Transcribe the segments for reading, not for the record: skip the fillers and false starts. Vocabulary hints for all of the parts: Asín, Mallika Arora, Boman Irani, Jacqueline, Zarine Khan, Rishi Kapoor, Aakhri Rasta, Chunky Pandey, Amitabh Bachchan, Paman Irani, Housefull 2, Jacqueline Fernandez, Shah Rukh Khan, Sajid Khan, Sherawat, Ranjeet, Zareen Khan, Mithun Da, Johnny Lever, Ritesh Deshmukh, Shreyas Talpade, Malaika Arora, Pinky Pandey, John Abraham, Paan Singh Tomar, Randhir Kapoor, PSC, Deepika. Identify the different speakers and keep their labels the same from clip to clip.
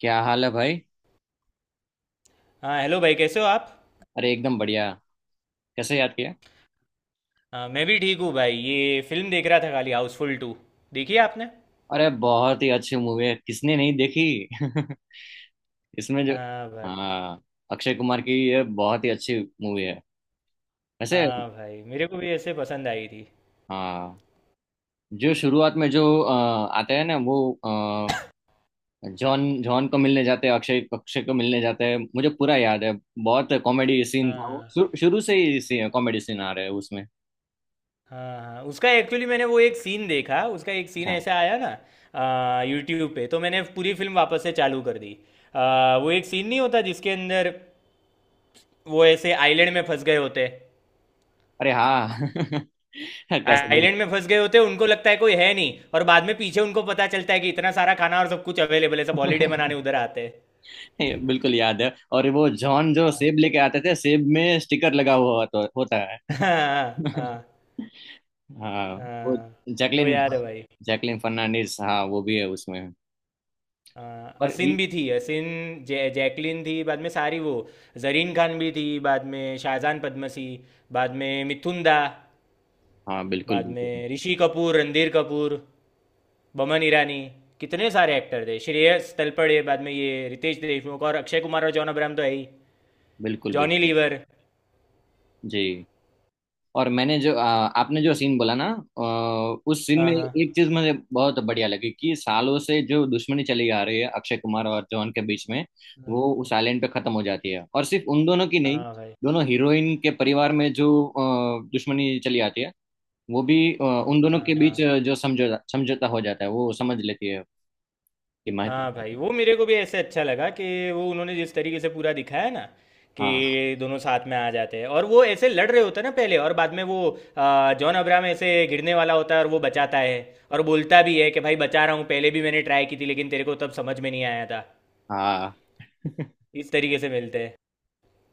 Speaker 1: क्या हाल है भाई।
Speaker 2: हाँ, हेलो भाई। कैसे हो आप?
Speaker 1: अरे एकदम बढ़िया। कैसे याद किया।
Speaker 2: हाँ, मैं भी ठीक हूँ भाई। ये फिल्म देख रहा था खाली, हाउसफुल 2। देखी है आपने?
Speaker 1: अरे बहुत ही अच्छी मूवी है, किसने नहीं देखी। इसमें जो
Speaker 2: हाँ भाई।
Speaker 1: हाँ। अक्षय कुमार की ये बहुत ही अच्छी मूवी है, वैसे।
Speaker 2: हाँ भाई, मेरे को भी ऐसे पसंद आई थी।
Speaker 1: हाँ। जो शुरुआत में जो आते हैं ना वो अ, जॉन जॉन को मिलने जाते हैं, अक्षय अक्षय को मिलने जाते हैं, मुझे पूरा याद है। बहुत कॉमेडी सीन था वो,
Speaker 2: हाँ
Speaker 1: शुरू शुरू से ही कॉमेडी सीन आ रहे हैं उसमें।
Speaker 2: हाँ, हाँ उसका एक्चुअली मैंने वो एक सीन देखा। उसका एक सीन
Speaker 1: अच्छा।
Speaker 2: ऐसा आया ना यूट्यूब पे, तो मैंने पूरी फिल्म वापस से चालू कर दी। वो एक सीन नहीं होता जिसके अंदर वो ऐसे आइलैंड में फंस गए होते।
Speaker 1: अरे हाँ। कैसे।
Speaker 2: आइलैंड में फंस गए होते, उनको लगता है कोई है नहीं, और बाद में पीछे उनको पता चलता है कि इतना सारा खाना और सब कुछ अवेलेबल है, सब
Speaker 1: बोल।
Speaker 2: हॉलीडे मनाने उधर आते
Speaker 1: ये बिल्कुल याद है और वो जॉन जो
Speaker 2: हैं।
Speaker 1: सेब लेके आते थे, सेब में स्टिकर लगा हुआ होता होता है।
Speaker 2: हाँ हाँ,
Speaker 1: हाँ। वो
Speaker 2: हाँ वो
Speaker 1: जैकलिन,
Speaker 2: याद है भाई।
Speaker 1: जैकलिन फर्नांडिस। हाँ, वो भी है उसमें।
Speaker 2: हाँ,
Speaker 1: और
Speaker 2: असिन
Speaker 1: ये-
Speaker 2: भी थी, असिन। जैकलिन थी, बाद में सारी वो। जरीन खान भी थी, बाद में शाहजान पद्मसी। बाद में मिथुन दा।
Speaker 1: हाँ, बिल्कुल
Speaker 2: बाद
Speaker 1: बिल्कुल।
Speaker 2: में ऋषि कपूर, रणधीर कपूर। बमन ईरानी। कितने सारे एक्टर थे, श्रेयस तलपड़े, बाद में ये रितेश देशमुख, और अक्षय कुमार और जॉन अब्राहम तो है ही।
Speaker 1: बिल्कुल
Speaker 2: जॉनी
Speaker 1: बिल्कुल।
Speaker 2: लीवर।
Speaker 1: जी। और मैंने जो आपने जो सीन बोला ना, उस सीन
Speaker 2: हाँ
Speaker 1: में एक
Speaker 2: हाँ,
Speaker 1: चीज मुझे बहुत बढ़िया लगी कि सालों से जो दुश्मनी चली आ रही है अक्षय कुमार और जॉन के बीच में, वो उस आइलैंड पे खत्म हो जाती है। और सिर्फ उन दोनों की नहीं,
Speaker 2: हाँ भाई।
Speaker 1: दोनों हीरोइन के परिवार में जो दुश्मनी चली आती है, वो भी
Speaker 2: हाँ
Speaker 1: उन दोनों
Speaker 2: हाँ,
Speaker 1: के बीच
Speaker 2: हाँ।
Speaker 1: जो समझौता समझौता हो जाता है, वो समझ लेती है कि महत्व।
Speaker 2: हाँ भाई, वो मेरे को भी ऐसे अच्छा लगा कि वो उन्होंने जिस तरीके से पूरा दिखाया ना,
Speaker 1: हाँ
Speaker 2: कि दोनों साथ में आ जाते हैं और वो ऐसे लड़ रहे होते हैं ना पहले, और बाद में वो जॉन अब्राहम ऐसे गिरने वाला होता है और वो बचाता है। और बोलता भी है कि भाई बचा रहा हूँ, पहले भी मैंने ट्राई की थी लेकिन तेरे को तब समझ में नहीं आया था।
Speaker 1: हाँ।
Speaker 2: इस तरीके से मिलते हैं।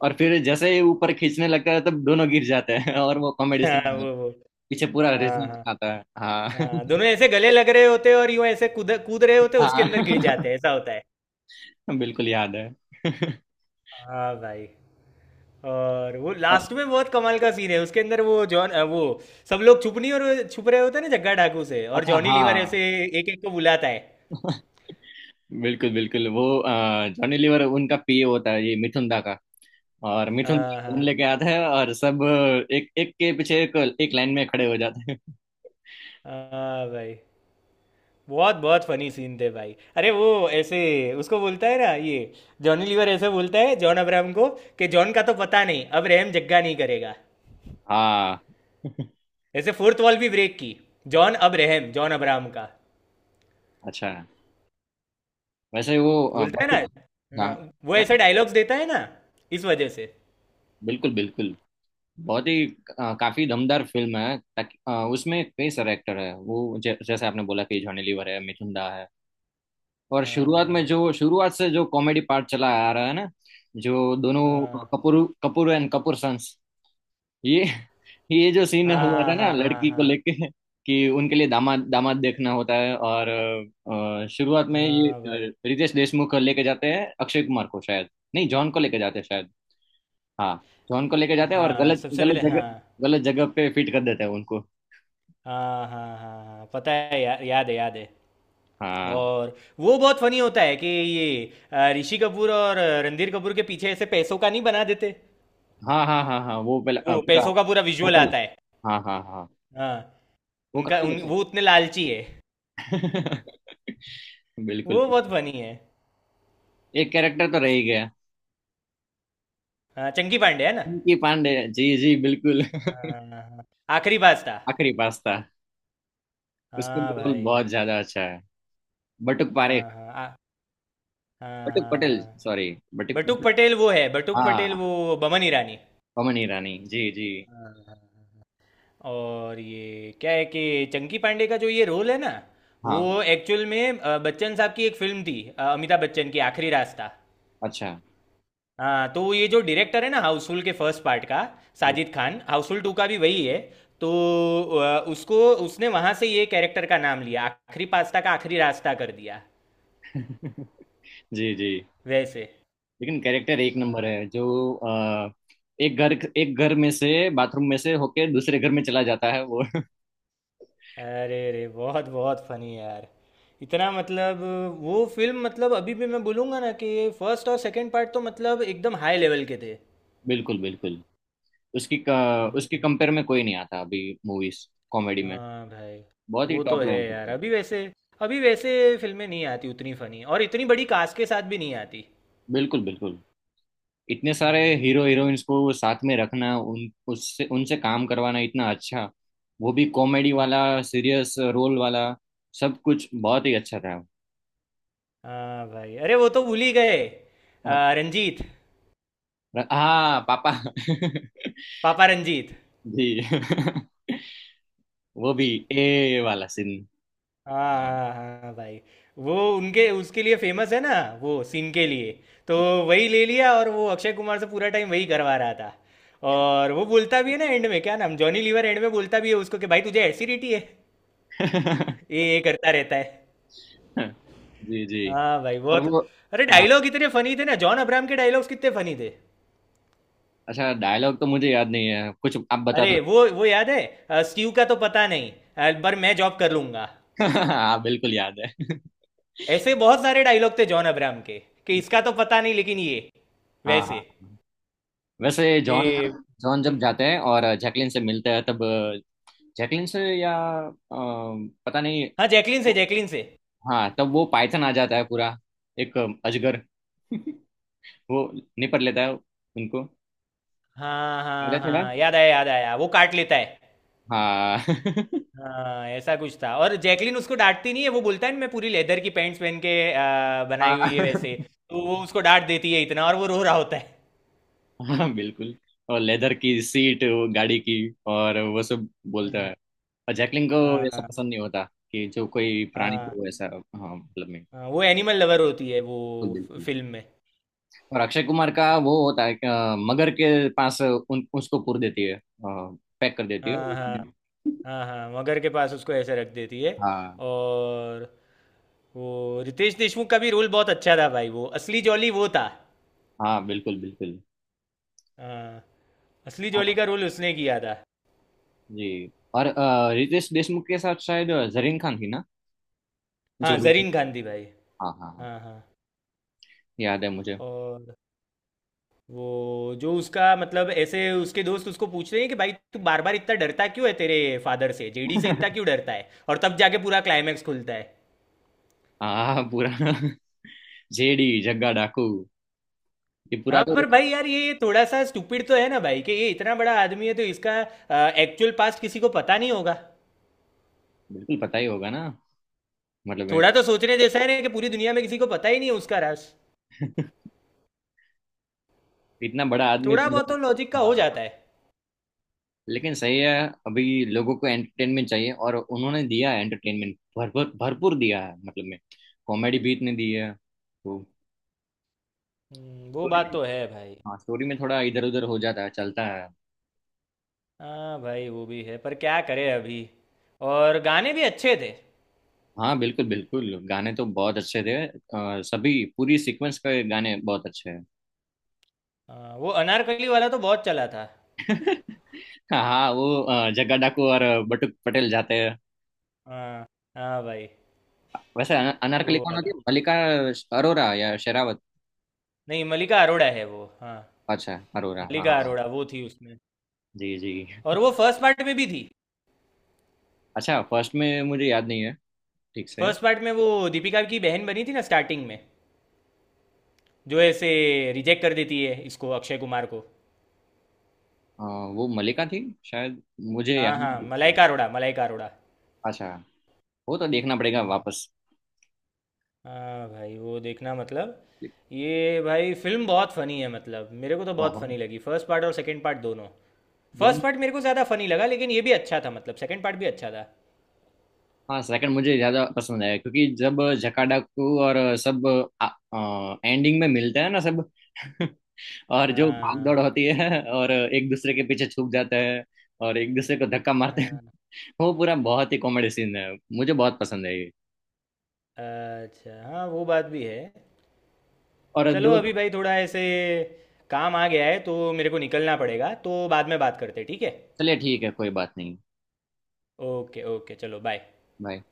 Speaker 1: और फिर जैसे ही ऊपर खींचने लगता है तब दोनों गिर जाते हैं, और वो कॉमेडी
Speaker 2: हाँ,
Speaker 1: सीन
Speaker 2: वो।
Speaker 1: पीछे पूरा
Speaker 2: हाँ
Speaker 1: रिजल्ट
Speaker 2: हाँ,
Speaker 1: आता है। हाँ।
Speaker 2: हाँ दोनों ऐसे गले लग रहे होते हैं और यूं ऐसे कूद कूद रहे होते हैं, उसके
Speaker 1: हाँ।
Speaker 2: अंदर गिर जाते हैं, ऐसा होता है।
Speaker 1: बिल्कुल याद है।
Speaker 2: हाँ भाई, और वो
Speaker 1: और
Speaker 2: लास्ट में बहुत कमाल का सीन है उसके अंदर वो जॉन वो सब लोग छुप नहीं, और वो छुप रहे होते हैं ना जग्गा डाकू से, और
Speaker 1: अच्छा।
Speaker 2: जॉनी लीवर
Speaker 1: हाँ,
Speaker 2: ऐसे एक एक को बुलाता है।
Speaker 1: बिल्कुल बिल्कुल। वो जॉनी लीवर उनका पीए होता है, ये मिथुन दा का। और मिथुन
Speaker 2: हाँ
Speaker 1: फोन
Speaker 2: हाँ,
Speaker 1: लेके आता है, और सब एक एक के पीछे एक एक लाइन में खड़े हो जाते हैं।
Speaker 2: हाँ भाई, बहुत बहुत फनी सीन थे भाई। अरे वो, ऐसे उसको बोलता है ना ये, जॉनी लीवर ऐसे बोलता है जॉन अब्राहम को कि जॉन का तो पता नहीं, अब रहम जग्गा नहीं करेगा।
Speaker 1: हाँ।
Speaker 2: ऐसे फोर्थ वॉल भी ब्रेक की, जॉन अब रहम, जॉन अब्राहम का,
Speaker 1: अच्छा। वैसे वो
Speaker 2: बोलता है
Speaker 1: बहुत-
Speaker 2: ना।
Speaker 1: हाँ।
Speaker 2: हाँ, वो
Speaker 1: क्या।
Speaker 2: ऐसे डायलॉग्स देता है ना इस वजह से।
Speaker 1: बिल्कुल बिल्कुल। बहुत ही काफी दमदार फिल्म है, ताकि उसमें कई सारे एक्टर है वो, जैसे आपने बोला कि जॉनी लीवर है, मिथुन दा है। और शुरुआत में
Speaker 2: हाँ
Speaker 1: जो शुरुआत से जो कॉमेडी पार्ट चला आ रहा है ना, जो दोनों
Speaker 2: हाँ,
Speaker 1: कपूर, कपूर एंड कपूर सन्स, ये ये जो सीन हुआ
Speaker 2: हाँ
Speaker 1: था ना
Speaker 2: हाँ, हाँ
Speaker 1: लड़की को
Speaker 2: हाँ।
Speaker 1: लेके, कि उनके लिए दामाद दामाद देखना होता है। और शुरुआत में ये
Speaker 2: हाँ भाई।
Speaker 1: रितेश देशमुख को लेके जाते हैं अक्षय कुमार को शायद, नहीं जॉन को लेके जाते हैं शायद। हाँ। जॉन को लेके जाते हैं और
Speaker 2: हाँ,
Speaker 1: गलत
Speaker 2: सबसे
Speaker 1: गलत
Speaker 2: पहले, हाँ
Speaker 1: जगह, गलत जगह पे फिट कर देते हैं उनको।
Speaker 2: हाँ, हाँ हाँ, हाँ पता है, याद है, याद है।
Speaker 1: हाँ
Speaker 2: और वो बहुत फनी होता है कि ये ऋषि कपूर और रणधीर कपूर के पीछे ऐसे पैसों का नहीं बना देते।
Speaker 1: हाँ हाँ हाँ। हाँ वो पहले
Speaker 2: वो
Speaker 1: पूरा
Speaker 2: पैसों का पूरा विजुअल
Speaker 1: सर्कल।
Speaker 2: आता है।
Speaker 1: हाँ हाँ हाँ।
Speaker 2: हाँ।
Speaker 1: वो
Speaker 2: उनका,
Speaker 1: काफी अच्छा
Speaker 2: वो उतने लालची है।
Speaker 1: है। बिल्कुल
Speaker 2: वो बहुत
Speaker 1: बिल्कुल।
Speaker 2: फनी है।
Speaker 1: एक कैरेक्टर तो रह ही गया,
Speaker 2: हाँ, चंकी पांडे है ना।
Speaker 1: पिंकी पांडे। जी जी बिल्कुल।
Speaker 2: हाँ हाँ, हाँ। हाँ, आखिरी बात था।
Speaker 1: आखिरी पास्ता। उसका भी
Speaker 2: हाँ
Speaker 1: रोल
Speaker 2: भाई।
Speaker 1: बहुत ज्यादा अच्छा है। बटुक पारे,
Speaker 2: हाँ हाँ। हाँ।
Speaker 1: बटुक पटेल
Speaker 2: हाँ,
Speaker 1: सॉरी। बटुक
Speaker 2: बटुक
Speaker 1: पटेल।
Speaker 2: पटेल वो है, बटुक पटेल
Speaker 1: हाँ,
Speaker 2: वो बमन ईरानी।
Speaker 1: पमन ईरानी जी जी।
Speaker 2: हाँ, हाँ, और ये क्या है कि चंकी पांडे का जो ये रोल है ना,
Speaker 1: हाँ।
Speaker 2: वो एक्चुअल में बच्चन साहब की एक फिल्म थी, अमिताभ बच्चन की आखिरी रास्ता।
Speaker 1: अच्छा।
Speaker 2: हाँ, तो ये जो डायरेक्टर है ना हाउसफुल के फर्स्ट पार्ट का,
Speaker 1: जी।
Speaker 2: साजिद खान, हाउसफुल 2 का भी वही है। तो उसको, उसने वहां से ये कैरेक्टर का नाम लिया, आखिरी पास्ता का आखिरी रास्ता कर दिया।
Speaker 1: जी जी।
Speaker 2: वैसे।
Speaker 1: लेकिन कैरेक्टर एक नंबर
Speaker 2: हाँ।
Speaker 1: है, जो एक घर, एक घर में से बाथरूम में से होके दूसरे घर में चला जाता है वो।
Speaker 2: अरे रे, बहुत बहुत फनी यार, इतना मतलब, वो फिल्म मतलब, अभी भी मैं बोलूँगा ना कि फर्स्ट और सेकंड पार्ट तो मतलब एकदम हाई लेवल के थे।
Speaker 1: बिल्कुल बिल्कुल। उसकी
Speaker 2: हम्म।
Speaker 1: कंपेयर में कोई नहीं आता अभी। मूवीज कॉमेडी में
Speaker 2: हाँ भाई,
Speaker 1: बहुत ही
Speaker 2: वो तो
Speaker 1: टॉप
Speaker 2: है
Speaker 1: लेवल
Speaker 2: यार।
Speaker 1: पे।
Speaker 2: अभी वैसे, अभी वैसे फिल्में नहीं आती उतनी फनी, और इतनी बड़ी कास्ट के साथ भी नहीं आती।
Speaker 1: बिल्कुल बिल्कुल। इतने सारे
Speaker 2: हम्म,
Speaker 1: हीरो हीरोइंस को साथ में रखना, उन उससे उनसे काम करवाना इतना अच्छा। वो भी कॉमेडी वाला,
Speaker 2: हम्म।
Speaker 1: सीरियस रोल वाला, सब कुछ बहुत ही अच्छा था।
Speaker 2: हाँ भाई, अरे वो तो भूल ही गए। रंजीत।
Speaker 1: हाँ पापा।
Speaker 2: पापा रंजीत।
Speaker 1: जी। वो भी ए वाला सीन।
Speaker 2: हाँ हाँ, हाँ हाँ भाई। वो उनके, उसके लिए फेमस है ना, वो सीन के लिए। तो वही ले लिया, और वो अक्षय कुमार से पूरा टाइम वही करवा रहा था। और वो बोलता भी है ना एंड में, क्या नाम, जॉनी लीवर एंड में बोलता भी है उसको कि भाई तुझे एसिडिटी है। ये करता रहता है।
Speaker 1: जी जी।
Speaker 2: हाँ भाई,
Speaker 1: पर
Speaker 2: बहुत।
Speaker 1: वो
Speaker 2: अरे,
Speaker 1: हाँ,
Speaker 2: डायलॉग इतने फनी थे ना, जॉन अब्राहम के डायलॉग्स कितने फनी थे।
Speaker 1: अच्छा, डायलॉग तो मुझे याद नहीं है, कुछ आप बता
Speaker 2: अरे
Speaker 1: दो।
Speaker 2: वो याद है। स्टीव का तो पता नहीं, पर मैं जॉब कर लूंगा।
Speaker 1: हाँ बिल्कुल याद है।
Speaker 2: ऐसे बहुत सारे डायलॉग थे जॉन अब्राहम के, कि इसका तो पता नहीं लेकिन ये,
Speaker 1: हाँ
Speaker 2: वैसे,
Speaker 1: हाँ। वैसे जॉन
Speaker 2: कि।
Speaker 1: जॉन
Speaker 2: हम्म।
Speaker 1: जब जाते हैं और जैकलिन से मिलते हैं तब, जैकलिन से या अ, पता नहीं।
Speaker 2: हाँ, जैकलिन से, जैकलिन से।
Speaker 1: हाँ तब वो पाइथन आ जाता है पूरा, एक अजगर। वो निपट लेता है उनको।
Speaker 2: हाँ
Speaker 1: याद
Speaker 2: हाँ,
Speaker 1: है थोड़ा।
Speaker 2: हाँ याद आया, याद आया, वो काट लेता है।
Speaker 1: हाँ।
Speaker 2: हाँ, ऐसा कुछ था। और जैकलिन उसको डांटती नहीं है, वो बोलता है ना मैं पूरी लेदर की पैंट्स पहन के, बनाई हुई है वैसे।
Speaker 1: हाँ
Speaker 2: तो वो उसको डांट देती है इतना, और वो रो रहा होता है।
Speaker 1: हाँ, बिल्कुल। और लेदर की सीट वो गाड़ी की, और वो सब बोलता
Speaker 2: हाँ
Speaker 1: है। और जैकलिन को ऐसा
Speaker 2: हाँ,
Speaker 1: पसंद नहीं होता, कि जो कोई प्राणी
Speaker 2: हाँ
Speaker 1: को ऐसा, हाँ मतलब में।
Speaker 2: हाँ, वो एनिमल लवर होती है वो,
Speaker 1: बिल्कुल बिल्कुल।
Speaker 2: फिल्म में।
Speaker 1: और अक्षय कुमार का वो होता है कि मगर के पास उसको पूर देती है, पैक कर देती है।
Speaker 2: हाँ हाँ, हाँ हाँ मगर के पास उसको ऐसे रख देती है।
Speaker 1: हाँ
Speaker 2: और वो रितेश देशमुख का भी रोल बहुत अच्छा था भाई, वो असली जॉली वो था।
Speaker 1: हाँ। बिल्कुल बिल्कुल।
Speaker 2: हाँ। असली जोली
Speaker 1: और
Speaker 2: का रोल उसने किया था।
Speaker 1: जी। और रितेश देशमुख के साथ शायद जरीन खान थी ना, जो
Speaker 2: हाँ, जरीन खान थी भाई।
Speaker 1: हाँ हाँ हाँ।
Speaker 2: हाँ हाँ।
Speaker 1: याद है मुझे।
Speaker 2: और वो जो उसका मतलब, ऐसे उसके दोस्त उसको पूछ रहे हैं कि भाई तू बार बार इतना डरता क्यों है, तेरे फादर से, जेडी से इतना क्यों डरता है, और तब जाके पूरा क्लाइमैक्स खुलता है।
Speaker 1: हाँ पूरा जेडी, जग्गा डाकू, ये पूरा
Speaker 2: हाँ,
Speaker 1: तो।
Speaker 2: पर भाई यार, ये थोड़ा सा स्टूपिड तो है ना भाई, कि ये इतना बड़ा आदमी है तो इसका एक्चुअल पास्ट किसी को पता नहीं होगा।
Speaker 1: बिल्कुल पता ही होगा ना, मतलब ये
Speaker 2: थोड़ा तो सोचने जैसा है ना, कि पूरी दुनिया में किसी को पता ही नहीं है उसका राज।
Speaker 1: इतना बड़ा आदमी।
Speaker 2: थोड़ा बहुत तो लॉजिक का हो
Speaker 1: हाँ,
Speaker 2: जाता है।
Speaker 1: लेकिन सही है। अभी लोगों को एंटरटेनमेंट चाहिए और उन्होंने दिया है एंटरटेनमेंट, भरपूर भरपूर दिया है मतलब में। कॉमेडी भी इतने दी है तो।
Speaker 2: वो
Speaker 1: स्टोरी
Speaker 2: बात
Speaker 1: में
Speaker 2: तो है भाई।
Speaker 1: हाँ, स्टोरी में थोड़ा इधर उधर हो जाता है, चलता है।
Speaker 2: हाँ भाई, वो भी है पर क्या करे अभी। और गाने भी अच्छे थे।
Speaker 1: हाँ बिल्कुल बिल्कुल, गाने तो बहुत अच्छे थे, सभी पूरी सीक्वेंस के गाने बहुत अच्छे हैं।
Speaker 2: हाँ, वो अनारकली वाला तो बहुत चला था।
Speaker 1: हाँ हाँ, वो जग्गा डाकू और बटुक पटेल जाते हैं।
Speaker 2: हाँ हाँ भाई।
Speaker 1: वैसे अनारकली
Speaker 2: वो
Speaker 1: कौन होती
Speaker 2: वाला,
Speaker 1: है, मल्लिका अरोरा या शेरावत।
Speaker 2: नहीं मलिका अरोड़ा है वो, हाँ।
Speaker 1: अच्छा अरोरा, हाँ
Speaker 2: मलिका
Speaker 1: हाँ।
Speaker 2: अरोड़ा वो थी उसमें।
Speaker 1: जी जी।
Speaker 2: और वो फर्स्ट पार्ट में भी थी।
Speaker 1: अच्छा, फर्स्ट में मुझे याद नहीं है ठीक से।
Speaker 2: फर्स्ट पार्ट में वो दीपिका की बहन बनी थी ना स्टार्टिंग में, जो ऐसे रिजेक्ट कर देती है इसको, अक्षय कुमार को।
Speaker 1: हाँ वो मलिका थी शायद, मुझे याद
Speaker 2: हाँ
Speaker 1: नहीं
Speaker 2: हाँ,
Speaker 1: ठीक से।
Speaker 2: मलाइका अरोड़ा, मलाइका अरोड़ा।
Speaker 1: अच्छा, वो तो देखना पड़ेगा
Speaker 2: हाँ।
Speaker 1: वापस।
Speaker 2: हाँ भाई, वो देखना मतलब, ये भाई फिल्म बहुत फनी है मतलब, मेरे को तो बहुत
Speaker 1: बहुत।
Speaker 2: फनी लगी, फर्स्ट पार्ट और सेकंड पार्ट दोनों। फर्स्ट
Speaker 1: दोनों।
Speaker 2: पार्ट मेरे को ज़्यादा फनी लगा, लेकिन ये भी अच्छा था मतलब सेकंड पार्ट भी अच्छा था।
Speaker 1: हाँ सेकंड मुझे ज्यादा पसंद है, क्योंकि जब जकाडा को और सब एंडिंग में मिलते हैं ना सब। और जो भाग दौड़
Speaker 2: हाँ
Speaker 1: होती है, और एक दूसरे के पीछे छुप जाते हैं, और एक दूसरे को धक्का मारते हैं।
Speaker 2: हाँ।
Speaker 1: वो पूरा बहुत ही कॉमेडी सीन है, मुझे बहुत पसंद है ये।
Speaker 2: अच्छा, हाँ वो बात भी है।
Speaker 1: और
Speaker 2: चलो
Speaker 1: दो।
Speaker 2: अभी भाई, थोड़ा ऐसे काम आ गया है तो मेरे को निकलना पड़ेगा, तो बाद में बात करते हैं, ठीक है?
Speaker 1: चलिए ठीक है, कोई बात नहीं।
Speaker 2: ओके ओके, चलो बाय।
Speaker 1: बाय।